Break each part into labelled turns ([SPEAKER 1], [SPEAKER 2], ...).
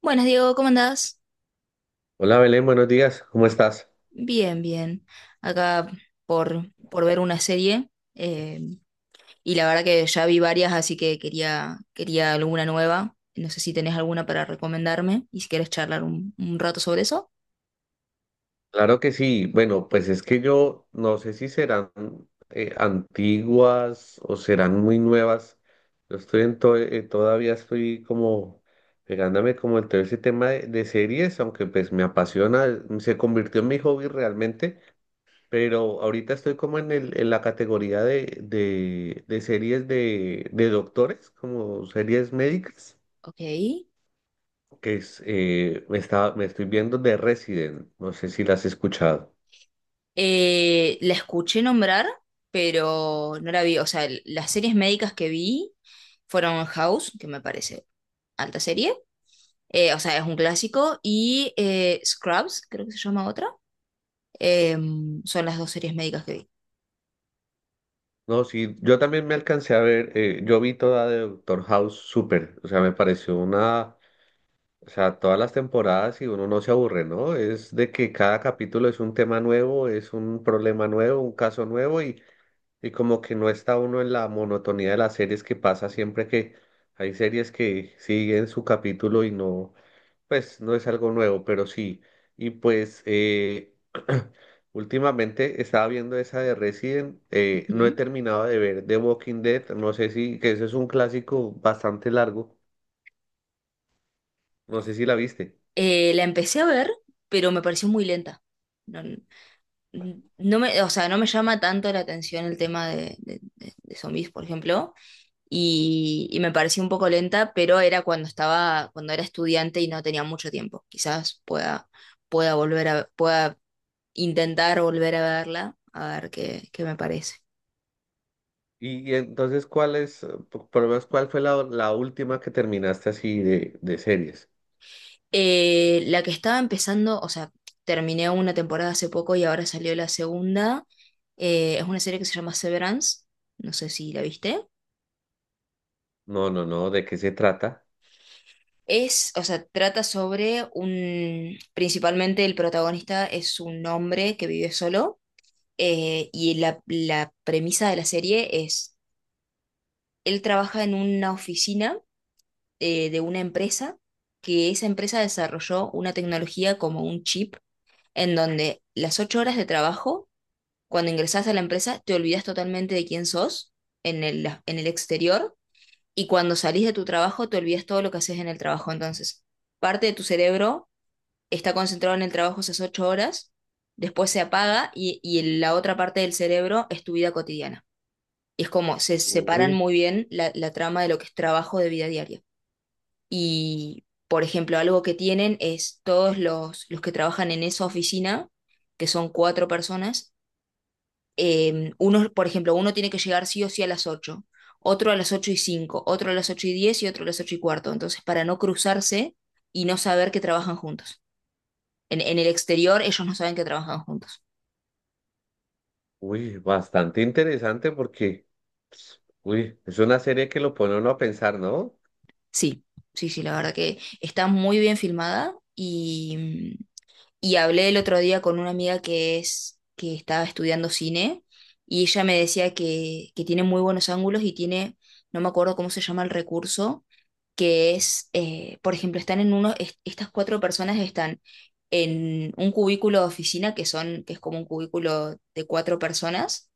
[SPEAKER 1] Buenas, Diego, ¿cómo andás?
[SPEAKER 2] Hola Belén, buenos días, ¿cómo estás?
[SPEAKER 1] Bien, bien. Acá por ver una serie. eh, y la verdad que ya vi varias, así que quería alguna nueva. No sé si tenés alguna para recomendarme y si querés charlar un rato sobre eso.
[SPEAKER 2] Claro que sí, bueno, pues es que yo no sé si serán antiguas o serán muy nuevas. Yo estoy en to- todavía estoy como pegándome como en todo ese tema de series, aunque pues me apasiona, se convirtió en mi hobby realmente, pero ahorita estoy como en la categoría de series de doctores, como series médicas.
[SPEAKER 1] Ok.
[SPEAKER 2] Que es, me está, me estoy viendo The Resident, no sé si la has escuchado.
[SPEAKER 1] La escuché nombrar, pero no la vi. O sea, las series médicas que vi fueron House, que me parece alta serie. Eh, o sea, es un clásico. Y Scrubs, creo que se llama otra. Eh, son las dos series médicas que vi.
[SPEAKER 2] No, sí, yo también me alcancé a ver, yo vi toda de Doctor House súper, o sea, me pareció una, o sea, todas las temporadas y uno no se aburre, ¿no? Es de que cada capítulo es un tema nuevo, es un problema nuevo, un caso nuevo y como que no está uno en la monotonía de las series que pasa siempre que hay series que siguen su capítulo y no. Pues no es algo nuevo, pero sí. Y pues últimamente estaba viendo esa de Resident, no he
[SPEAKER 1] Ujú.
[SPEAKER 2] terminado de ver The Walking Dead, no sé si, que eso es un clásico bastante largo, no sé si la viste.
[SPEAKER 1] La empecé a ver, pero me pareció muy lenta. No, o sea, no me llama tanto la atención el tema de, de zombies, por ejemplo, y me pareció un poco lenta, pero era cuando estaba, cuando era estudiante y no tenía mucho tiempo. Quizás pueda, pueda intentar volver a verla, a ver qué, qué me parece.
[SPEAKER 2] Y entonces, ¿cuál es, por lo menos, cuál fue la última que terminaste así de series?
[SPEAKER 1] La que estaba empezando, o sea, terminé una temporada hace poco y ahora salió la segunda. Eh, es una serie que se llama Severance. No sé si la viste.
[SPEAKER 2] No, no, no, ¿de qué se trata?
[SPEAKER 1] Es, o sea, trata sobre un, principalmente el protagonista es un hombre que vive solo. Eh, y la premisa de la serie es, él trabaja en una oficina, de una empresa, que esa empresa desarrolló una tecnología como un chip, en donde las 8 horas de trabajo, cuando ingresás a la empresa, te olvidas totalmente de quién sos en el exterior, y cuando salís de tu trabajo, te olvidas todo lo que haces en el trabajo. Entonces, parte de tu cerebro está concentrado en el trabajo esas 8 horas, después se apaga y la otra parte del cerebro es tu vida cotidiana. Es como se separan
[SPEAKER 2] Uy,
[SPEAKER 1] muy bien la, la trama de lo que es trabajo de vida diaria. Y, por ejemplo, algo que tienen es todos los que trabajan en esa oficina, que son cuatro personas, uno, por ejemplo, uno tiene que llegar sí o sí a las ocho, otro a las 8 y cinco, otro a las 8 y 10 y otro a las 8 y cuarto. Entonces, para no cruzarse y no saber que trabajan juntos. En el exterior ellos no saben que trabajan juntos.
[SPEAKER 2] uy, bastante interesante porque, uy, es una serie que lo pone a uno a pensar, ¿no?
[SPEAKER 1] Sí, sí, sí, la verdad que está muy bien filmada. Y hablé el otro día con una amiga que es, que estaba estudiando cine, y ella me decía que tiene muy buenos ángulos y tiene, no me acuerdo cómo se llama el recurso, que es, por ejemplo, están en uno, estas cuatro personas están en un cubículo de oficina, que son, que es como un cubículo de cuatro personas,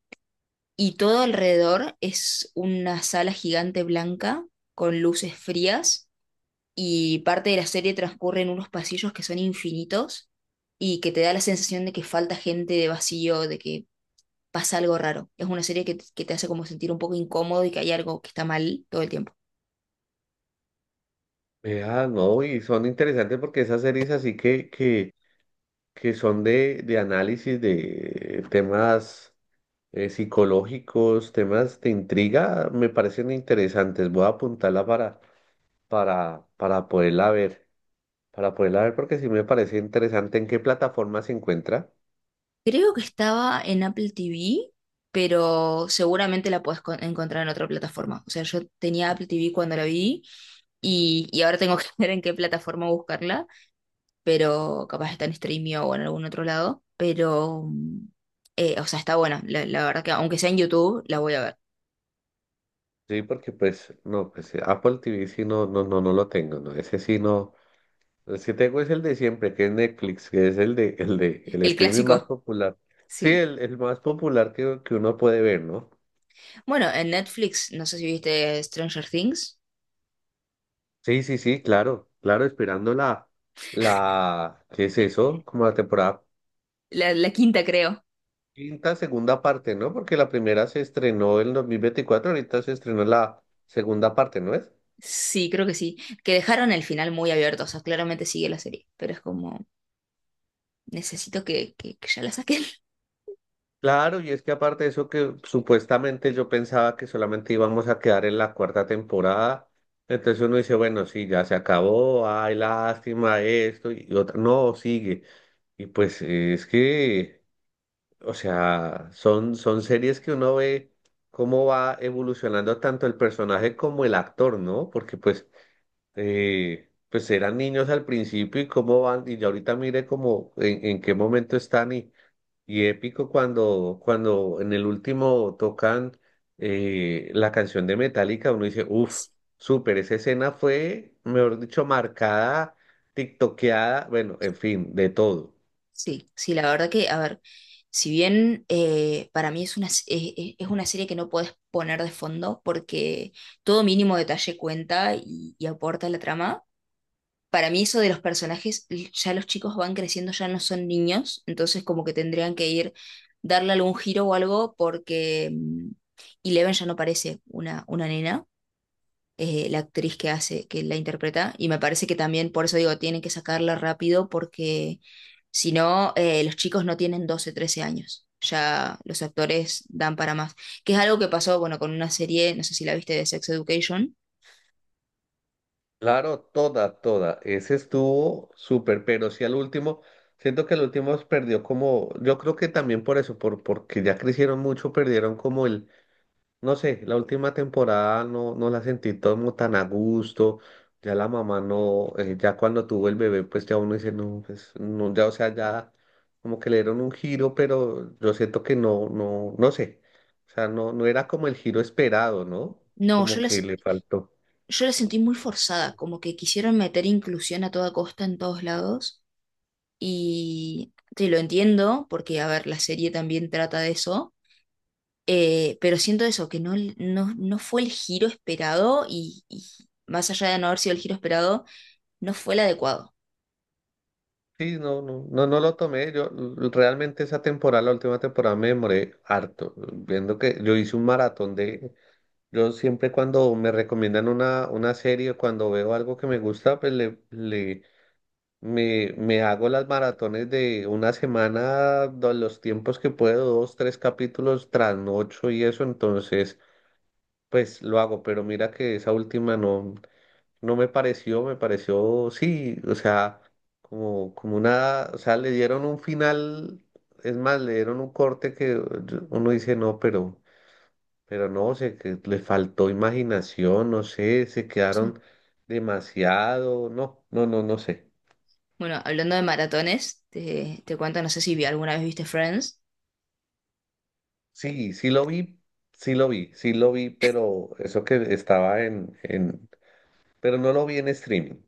[SPEAKER 1] y todo alrededor es una sala gigante blanca con luces frías, y parte de la serie transcurre en unos pasillos que son infinitos y que te da la sensación de que falta gente, de vacío, de que pasa algo raro. Es una serie que te hace como sentir un poco incómodo y que hay algo que está mal todo el tiempo.
[SPEAKER 2] Vea, no, y son interesantes porque esas series así que son de análisis de temas psicológicos, temas de intriga, me parecen interesantes. Voy a apuntarla para, para poderla ver, para poderla ver porque sí me parece interesante en qué plataforma se encuentra.
[SPEAKER 1] Creo que estaba en Apple TV, pero seguramente la puedes encontrar en otra plataforma. O sea, yo tenía Apple TV cuando la vi y ahora tengo que ver en qué plataforma buscarla, pero capaz está en Streamio o en algún otro lado, pero, o sea, está buena, la verdad que aunque sea en YouTube, la voy a ver.
[SPEAKER 2] Sí, porque pues, no, pues Apple TV sí no, no, no, no lo tengo, ¿no? Ese sí no. Pues es que tengo es el de siempre, que es Netflix, que es el
[SPEAKER 1] El
[SPEAKER 2] streaming más
[SPEAKER 1] clásico,
[SPEAKER 2] popular. Sí,
[SPEAKER 1] sí.
[SPEAKER 2] el más popular que uno puede ver, ¿no?
[SPEAKER 1] Bueno, en Netflix, no sé si viste Stranger Things,
[SPEAKER 2] Sí, sí, sí, claro, claro, esperando ¿qué es eso? Como la temporada
[SPEAKER 1] la quinta creo.
[SPEAKER 2] quinta, segunda parte, ¿no? Porque la primera se estrenó en 2024. Ahorita se estrenó la segunda parte, ¿no es?
[SPEAKER 1] Sí, creo que sí, que dejaron el final muy abierto, o sea, claramente sigue la serie, pero es como, necesito que, que ya la saquen.
[SPEAKER 2] Claro, y es que aparte de eso que supuestamente yo pensaba que solamente íbamos a quedar en la cuarta temporada, entonces uno dice, bueno, sí, ya se acabó, ay, lástima esto, y otra, no, sigue. Y pues es que, o sea, son series que uno ve cómo va evolucionando tanto el personaje como el actor, ¿no? Porque pues, pues eran niños al principio y cómo van, y ya ahorita mire cómo, en qué momento están y... Y épico cuando en el último tocan la canción de Metallica, uno dice, uff, súper, esa escena fue, mejor dicho, marcada, tiktokeada, bueno, en fin, de todo.
[SPEAKER 1] Sí, sí, la verdad que, a ver, si bien para mí es una, es una serie que no puedes poner de fondo porque todo mínimo detalle cuenta y aporta a la trama. Para mí eso de los personajes, l- ya los chicos van creciendo, ya no son niños, entonces como que tendrían que ir, darle algún giro o algo porque Eleven ya no parece una nena. Eh, la actriz que hace, que la interpreta, y me parece que también, por eso digo, tienen que sacarla rápido porque si no, los chicos no tienen 12 13 años, ya los actores dan para más, que es algo que pasó, bueno, con una serie, no sé si la viste, de Sex Education.
[SPEAKER 2] Claro, toda, toda. Ese estuvo súper, pero sí al último, siento que el último perdió como, yo creo que también por eso, porque ya crecieron mucho, perdieron como el. No sé, la última temporada no la sentí todo como tan a gusto. Ya la mamá no, ya cuando tuvo el bebé, pues ya uno dice, no, pues no, ya, o sea, ya como que le dieron un giro, pero yo siento que no, no, no sé. O sea, no, no era como el giro esperado, ¿no?
[SPEAKER 1] No,
[SPEAKER 2] Como que le faltó.
[SPEAKER 1] yo la sentí muy forzada, como que quisieron meter inclusión a toda costa en todos lados, y te lo entiendo, porque, a ver, la serie también trata de eso. Pero siento eso, que no, no, no fue el giro esperado y más allá de no haber sido el giro esperado, no fue el adecuado.
[SPEAKER 2] Sí, no, no, no, no lo tomé. Yo realmente esa temporada, la última temporada, me demoré harto. Viendo que yo hice un maratón de. Yo siempre cuando me recomiendan una serie, cuando veo algo que me gusta, pues me hago las maratones de una semana, los tiempos que puedo, dos, tres capítulos tras noche y eso, entonces pues lo hago, pero mira que esa última no, no me pareció, me pareció, sí, o sea, como una, o sea, le dieron un final, es más, le dieron un corte que uno dice, no, pero. Pero no, sé que le faltó imaginación, no sé, se
[SPEAKER 1] Sí.
[SPEAKER 2] quedaron demasiado, no, no, no, no sé.
[SPEAKER 1] Bueno, hablando de maratones, te cuento, no sé si alguna vez viste Friends.
[SPEAKER 2] Sí, sí lo vi, sí lo vi, sí lo vi, pero eso que estaba en, pero no lo vi en streaming,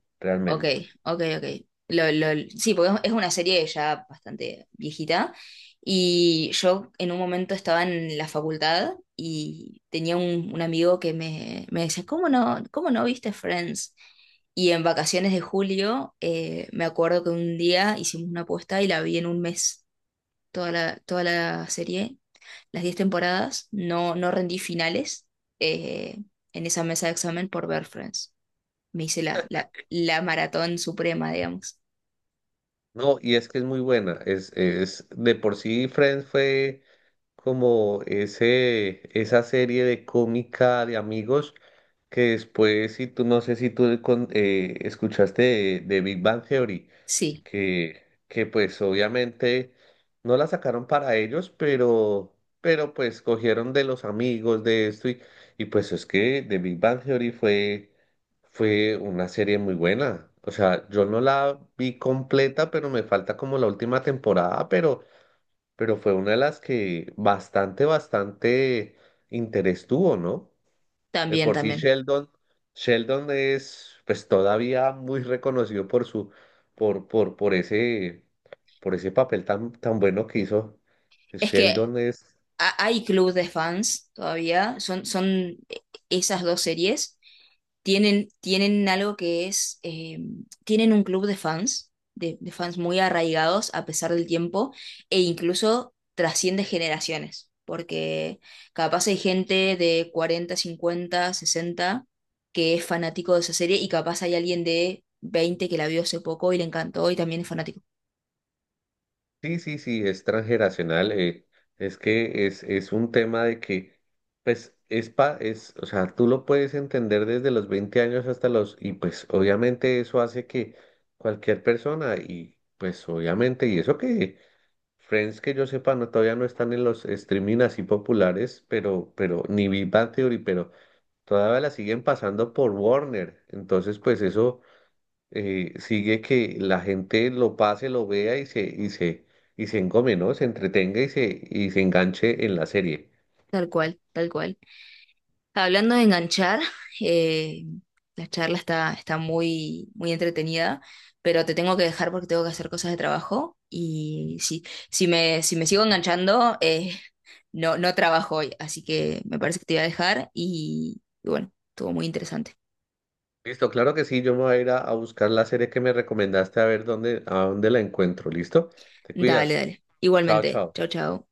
[SPEAKER 1] Ok,
[SPEAKER 2] realmente.
[SPEAKER 1] ok, ok. Lo, lo- sí, porque es una serie ya bastante viejita. Y yo en un momento estaba en la facultad y tenía un amigo que me decía, cómo no viste Friends? Y en vacaciones de julio, me acuerdo que un día hicimos una apuesta y la vi en un mes, toda la serie, las 10 temporadas. No, no rendí finales, eh, en esa mesa de examen por ver Friends. Me hice la, la maratón suprema, digamos.
[SPEAKER 2] No, y es que es muy buena, de por sí Friends fue como esa serie de cómica de amigos que después, si tú, no sé si tú escuchaste de Big Bang Theory.
[SPEAKER 1] Sí,
[SPEAKER 2] Que pues obviamente no la sacaron para ellos, pero pues cogieron de los amigos de esto y pues es que The Big Bang Theory fue una serie muy buena. O sea, yo no la vi completa, pero me falta como la última temporada, pero fue una de las que bastante, bastante interés tuvo, ¿no? De
[SPEAKER 1] también,
[SPEAKER 2] por sí
[SPEAKER 1] también.
[SPEAKER 2] Sheldon, Sheldon es pues todavía muy reconocido por su, por, por, por ese, por ese papel tan, tan bueno que hizo.
[SPEAKER 1] Es que
[SPEAKER 2] Sheldon es,
[SPEAKER 1] hay club de fans todavía, son, son esas dos series, tienen, tienen algo que es, tienen un club de fans muy arraigados a pesar del tiempo, e incluso trasciende generaciones, porque capaz hay gente de 40, 50, 60 que es fanático de esa serie y capaz hay alguien de 20 que la vio hace poco y le encantó y también es fanático.
[SPEAKER 2] sí, sí, sí, es transgeneracional. Es que es un tema de que, pues, o sea, tú lo puedes entender desde los 20 años hasta los, y pues obviamente eso hace que cualquier persona, y pues obviamente, y eso que Friends que yo sepa, no, todavía no están en los streaming así populares, pero ni Big Bang Theory, pero todavía la siguen pasando por Warner. Entonces, pues eso sigue que la gente lo pase, lo vea y se engome, ¿no? Se entretenga y se enganche en la serie.
[SPEAKER 1] Tal cual, tal cual. Hablando de enganchar, eh, la charla está, está muy, muy entretenida, pero te tengo que dejar porque tengo que hacer cosas de trabajo y si, si me, si me sigo enganchando, no, no trabajo hoy, así que me parece que te voy a dejar y bueno, estuvo muy interesante.
[SPEAKER 2] Listo, claro que sí, yo me voy a ir a buscar la serie que me recomendaste a ver a dónde la encuentro. ¿Listo? Te
[SPEAKER 1] Dale,
[SPEAKER 2] cuidas.
[SPEAKER 1] dale.
[SPEAKER 2] Chao,
[SPEAKER 1] Igualmente,
[SPEAKER 2] chao.
[SPEAKER 1] chao, chao.